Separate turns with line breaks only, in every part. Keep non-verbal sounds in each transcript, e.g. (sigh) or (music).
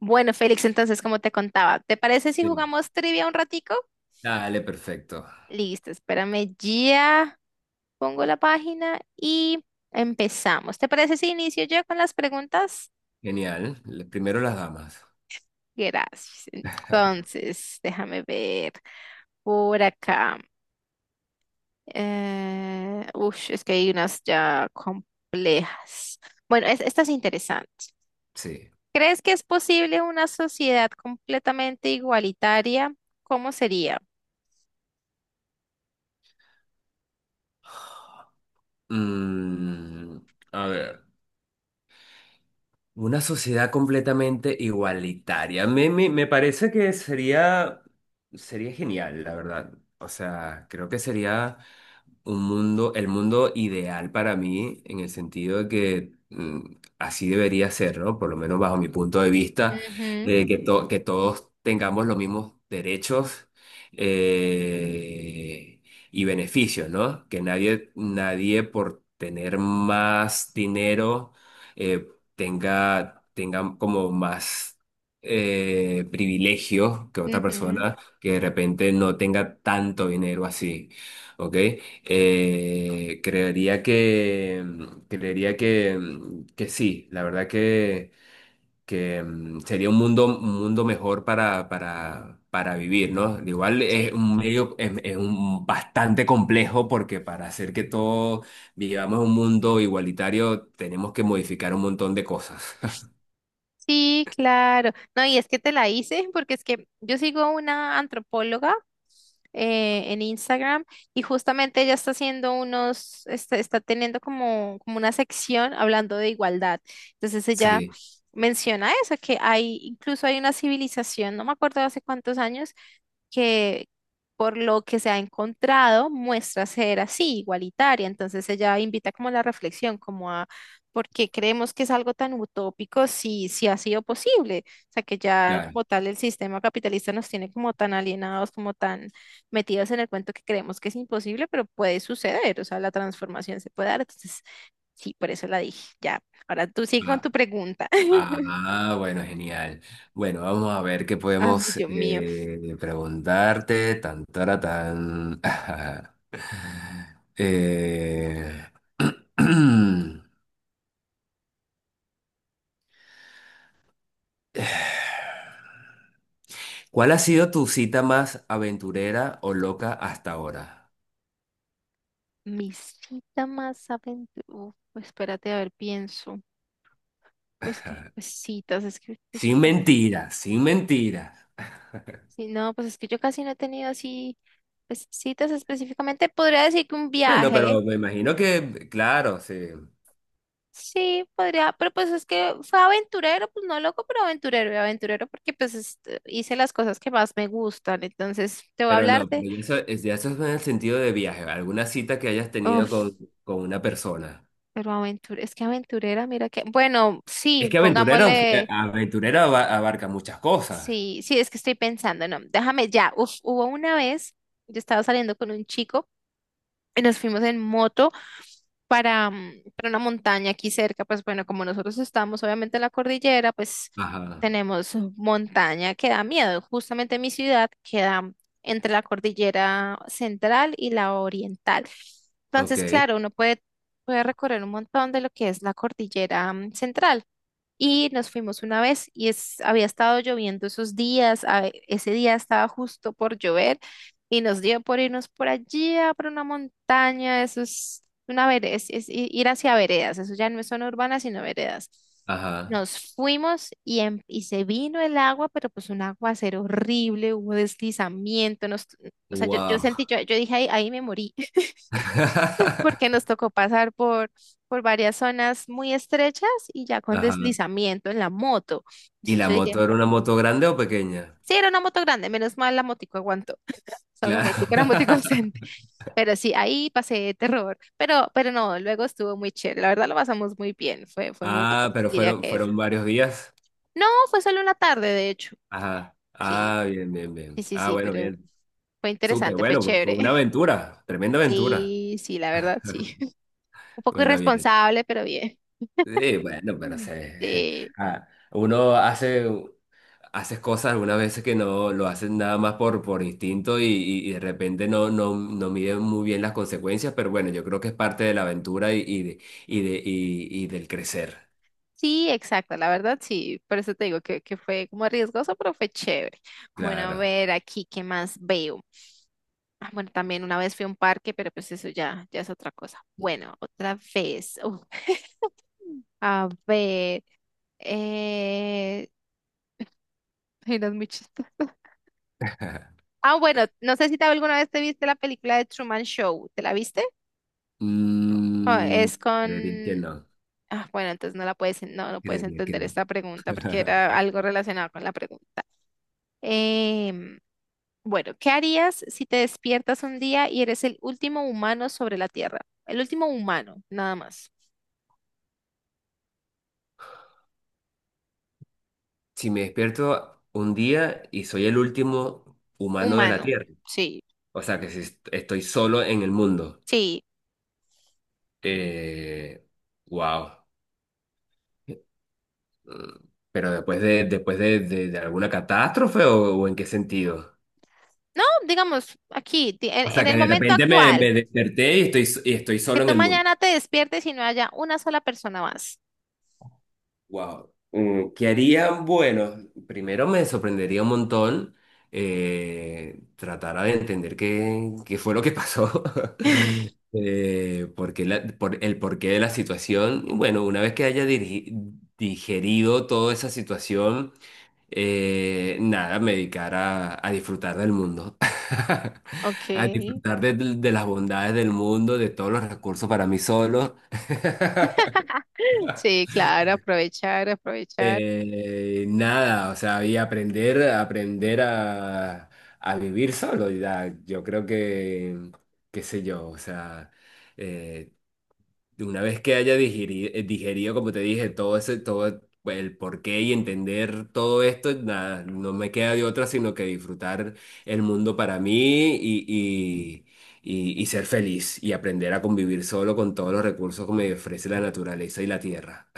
Bueno, Félix, entonces, como te contaba, ¿te parece si
Sí.
jugamos trivia un ratico?
Dale, perfecto.
Listo, espérame, ya pongo la página y empezamos. ¿Te parece si inicio yo con las preguntas?
Genial. Primero las damas.
Gracias.
(laughs)
Entonces, déjame ver por acá. Ush, es que hay unas ya complejas. Bueno, esta es interesante.
Sí.
¿Crees que es posible una sociedad completamente igualitaria? ¿Cómo sería?
Mm, a ver. Una sociedad completamente igualitaria. Me parece que sería genial, la verdad. O sea, creo que sería un mundo, el mundo ideal para mí, en el sentido de que así debería ser, ¿no? Por lo menos bajo mi punto de vista,
Ujú,
que, que todos tengamos los mismos derechos eh, y beneficios, ¿no? Que nadie por tener más dinero eh, tenga como más privilegios que otra
ujú.
persona que de repente no tenga tanto dinero así. ¿Ok? Eh, creería que, creería que, que sí, la verdad que sería un un mundo mejor para vivir, ¿no? Igual es
Sí,
un medio, es un bastante complejo porque para hacer que todos vivamos un mundo igualitario tenemos que modificar un montón de cosas. (laughs)
sí, claro. No, y es que te la hice porque es que yo sigo una antropóloga en Instagram, y justamente ella está haciendo unos, está, está teniendo como, como una sección hablando de igualdad. Entonces ella
Sí,
menciona eso, que hay, incluso hay una civilización, no me acuerdo hace cuántos años, que por lo que se ha encontrado muestra ser así, igualitaria. Entonces ella invita como a la reflexión, como a por qué creemos que es algo tan utópico si, si ha sido posible. O sea, que ya
claro.
como tal el sistema capitalista nos tiene como tan alienados, como tan metidos en el cuento que creemos que es imposible, pero puede suceder. O sea, la transformación se puede dar. Entonces, sí, por eso la dije. Ya, ahora tú sigue con
Ah,
tu pregunta. (laughs)
Ah, bueno, genial. Bueno, vamos a ver qué
Ay,
podemos
Dios mío.
preguntarte. Tan, tara, tan. (laughs) Eh, (clears throat) ¿Cuál ha sido tu cita más aventurera o loca hasta ahora?
Mi cita más aventurera. Espérate, a ver, pienso. Pues que, pues
(laughs)
citas, es que pues,
Sin mentiras, sin mentiras.
sí, no, pues es que yo casi no he tenido así, pues citas específicamente. Podría decir que un
Bueno, pero
viaje.
me imagino que, claro, sí.
Sí, podría, pero pues es que fue aventurero, pues no loco, pero aventurero y aventurero porque pues este, hice las cosas que más me gustan. Entonces, te voy a
Pero
hablar
no, pero
de,
eso, ya eso es en el sentido de viaje. ¿Alguna cita que hayas tenido
uf,
con una persona?
pero aventurera, es que aventurera, mira que, bueno,
Es
sí,
que aventurero,
pongámosle.
aventurero abarca muchas cosas.
Sí, sí, es que estoy pensando, no, déjame ya. Uf, hubo una vez, yo estaba saliendo con un chico y nos fuimos en moto para, para una montaña aquí cerca. Pues bueno, como nosotros estamos obviamente en la cordillera, pues
Ajá,
tenemos montaña que da miedo. Justamente mi ciudad queda entre la cordillera central y la oriental.
ok,
Entonces, claro, uno puede, puede recorrer un montón de lo que es la cordillera central. Y nos fuimos una vez y es, había estado lloviendo esos días, ese día estaba justo por llover y nos dio por irnos por allí, a por una montaña, eso es una vereda, es, ir hacia veredas, eso ya no es zona urbana, sino veredas.
ajá,
Nos fuimos y, y se vino el agua, pero pues un aguacero horrible, hubo deslizamiento, nos, o sea, yo
wow.
sentí, yo dije, ahí, ahí me morí, (laughs) porque
(laughs)
nos tocó pasar por varias zonas muy estrechas y ya con
Ajá.
deslizamiento en la moto.
¿Y
Entonces
la
yo diría,
moto era una moto grande o pequeña?
sí, era una moto grande, menos mal la motico aguantó. (laughs) O sea, la
Claro.
motico era motico (laughs)
(laughs)
decente. Pero sí, ahí pasé terror. Pero no, luego estuvo muy chévere. La verdad lo pasamos muy bien. Fue, fue muy rico,
Ah, pero
diría que
fueron
esa.
varios días.
No, fue solo una tarde, de hecho.
Ajá.
Sí,
Ah, bien, bien,
sí,
bien.
sí,
Ah,
sí,
bueno,
pero
bien.
fue
Súper,
interesante, fue
bueno, pues fue
chévere.
una
(laughs)
aventura, tremenda aventura.
Sí, sí, la verdad, sí. (laughs) Un poco
Bueno, bien.
irresponsable, pero bien.
Sí, bueno, pero
Mm.
se,
Sí.
(laughs) ah, uno hace. Haces cosas algunas veces que no lo haces nada más por instinto y, y de repente no, no miden muy bien las consecuencias, pero bueno, yo creo que es parte de la aventura y del crecer,
Sí, exacto, la verdad sí, por eso te digo que fue como riesgoso, pero fue chévere. Bueno, a
claro.
ver aquí, ¿qué más veo? Ah, bueno, también una vez fui a un parque, pero pues eso ya, ya es otra cosa. Bueno, otra vez. Uf, (laughs) a ver, eh... ay, no, es muy chistoso. Ah, bueno, no sé si te, alguna vez te viste la película de Truman Show, ¿te la viste? Ah,
Mm,
es
Creería que
con...
no,
Ah, bueno, entonces no la puedes, no, no puedes
creería que
entender
no.
esta pregunta porque era
(laughs)
algo relacionado con la pregunta. Em, Bueno, ¿qué harías si te despiertas un día y eres el último humano sobre la Tierra? El último humano, nada más.
Si me despierto un día y soy el último humano de la
Humano,
Tierra,
sí.
o sea que si estoy solo en el mundo,
Sí.
eh, wow. Pero después después de, de alguna catástrofe o, ¿o en qué sentido?
No, digamos, aquí,
O sea,
en
que
el
de
momento
repente
actual,
me desperté y y estoy
que
solo en
tú
el mundo.
mañana te despiertes y no haya una sola persona más.
Wow. ¿Qué harían? Bueno, primero me sorprendería un montón, tratar de entender qué fue lo que pasó, (laughs)
(laughs)
por el porqué de la situación. Y bueno, una vez que haya digerido toda esa situación, nada, me dedicar a disfrutar del mundo, (laughs)
Ok.
a disfrutar de las bondades del mundo, de todos los recursos para mí solo. (laughs)
Sí, claro, aprovechar, aprovechar.
Nada, o sea, y aprender a vivir solo. Ya, yo creo que, qué sé yo, o sea, eh, una vez que haya digerido, como te dije, todo ese, todo el porqué y entender todo esto, nada, no me queda de otra sino que disfrutar el mundo para mí y ser feliz y aprender a convivir solo con todos los recursos que me ofrece la naturaleza y la tierra.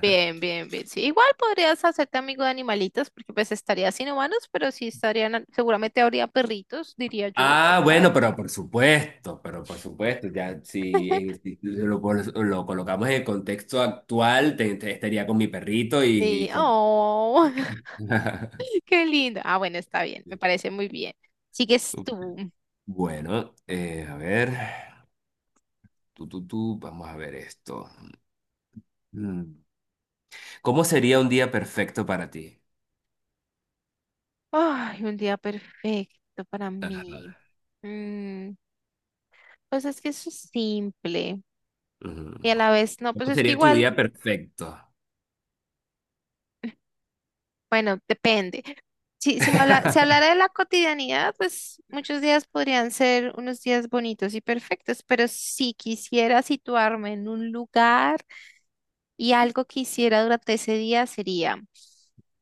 Bien, bien, bien. Sí, igual podrías hacerte amigo de animalitos, porque pues estarías sin humanos, pero sí estarían, seguramente habría perritos, diría yo,
Ah,
quién sabe.
bueno, pero por supuesto, ya si,
(laughs)
si lo, lo colocamos en el contexto actual, estaría con mi perrito
Sí,
y con...
oh. (laughs)
(laughs)
Qué lindo. Ah, bueno, está bien, me parece muy bien. Sigues tú.
Bueno, a ver, tú, vamos a ver esto. Mm. ¿Cómo sería un día perfecto para ti?
Ay, un día perfecto para
Ajá.
mí. Mm, pues es que eso es simple
Mm.
y a la vez no, pues
¿Cómo
es que
sería tu
igual,
día perfecto?
bueno, depende. Si, si me habla, si
(laughs)
hablara de la cotidianidad, pues muchos días podrían ser unos días bonitos y perfectos, pero si quisiera situarme en un lugar, y algo que hiciera durante ese día sería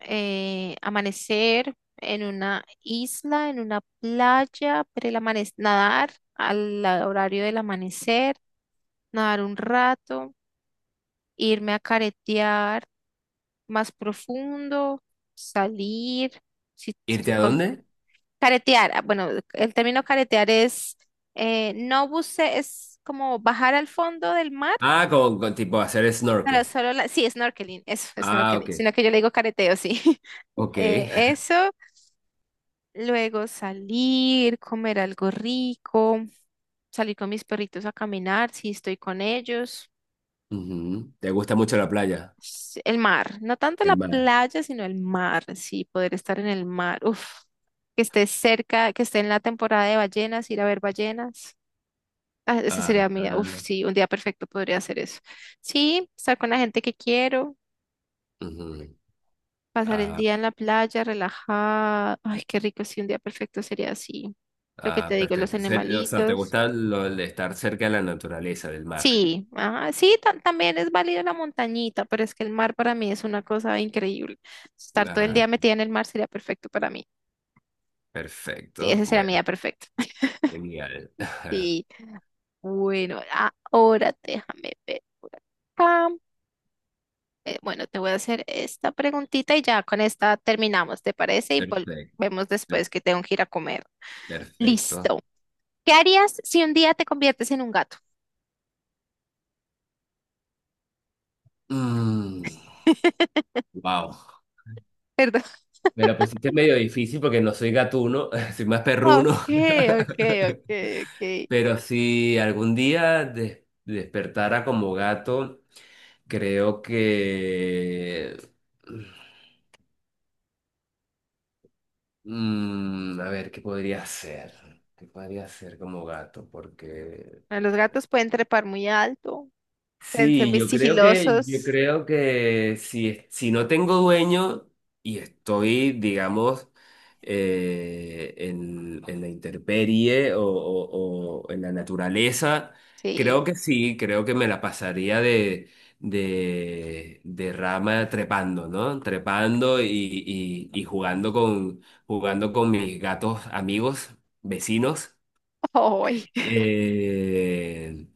amanecer en una isla, en una playa, pero nadar al horario del amanecer, nadar un rato, irme a caretear más profundo, salir, si estoy
¿Irte a
con...
dónde?
Caretear, ah, bueno, el término caretear es, no buce, es como bajar al fondo del mar,
Ah, con tipo hacer
pero
snorkel.
solo la... Sí, snorkeling, eso,
Ah,
snorkeling,
ok.
sino que yo le digo careteo, sí. (laughs)
Ok. (laughs)
Eso, luego salir, comer algo rico, salir con mis perritos a caminar, si estoy con ellos.
Ujú. ¿Te gusta mucho la playa?
El mar, no tanto
El
la
mar.
playa, sino el mar, sí, poder estar en el mar. Uf, que esté cerca, que esté en la temporada de ballenas, ir a ver ballenas. Ah, ese
Ah,
sería mi, uf,
ah,
sí, un día perfecto podría hacer eso. Sí, estar con la gente que quiero,
ujú.
pasar el
Ah,
día en la playa, relajada. Ay, qué rico, sí, un día perfecto sería así. Lo que
ah,
te digo, los
perfecto. O sea, ¿te
animalitos.
gusta lo de estar cerca de la naturaleza, del mar?
Sí, ajá, sí, también es válida la montañita, pero es que el mar para mí es una cosa increíble. Estar todo el
Ah,
día metida en el mar sería perfecto para mí. Sí,
perfecto.
ese sería mi
Bueno,
día perfecto. (laughs)
genial. (laughs)
Sí, bueno, ahora déjame ver. Acá. Bueno, te voy a hacer esta preguntita y ya con esta terminamos, ¿te parece? Y
Perfecto.
volvemos
per-
después que tengo que ir a comer.
Perfecto.
Listo. ¿Qué harías si un día te conviertes en un gato?
Wow.
Perdón. (laughs)
Me la pusiste medio difícil porque no soy gatuno, (laughs) soy más
Ok,
perruno.
ok, ok,
(laughs)
ok.
Pero si algún día despertara como gato, creo que... A ver, ¿qué podría ser? ¿Qué podría ser como gato? Porque
Los gatos pueden trepar muy alto. Pueden ser
sí,
muy
yo
sigilosos.
creo que si, si no tengo dueño y estoy, digamos, en la intemperie o, o en la naturaleza,
Sí.
creo que sí, creo que me la pasaría de rama trepando, ¿no? Trepando y jugando con mis gatos amigos, vecinos.
(laughs) ¡Ay!
Eh,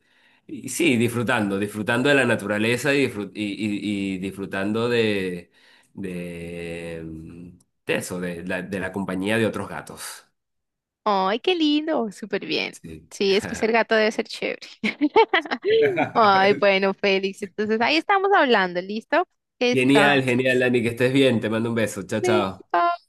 y sí, disfrutando de la naturaleza y, y disfrutando de, mm, de eso, de la compañía de otros gatos.
¡Ay, qué lindo! Súper bien.
Sí.
Sí, es que ser
(laughs)
gato debe ser chévere. (laughs) Ay,
(laughs)
bueno, Félix. Entonces ahí estamos hablando, ¿listo? Que
Genial, genial,
descanses.
Dani, que estés bien. Te mando un beso. Chao,
Sí,
chao.
bye.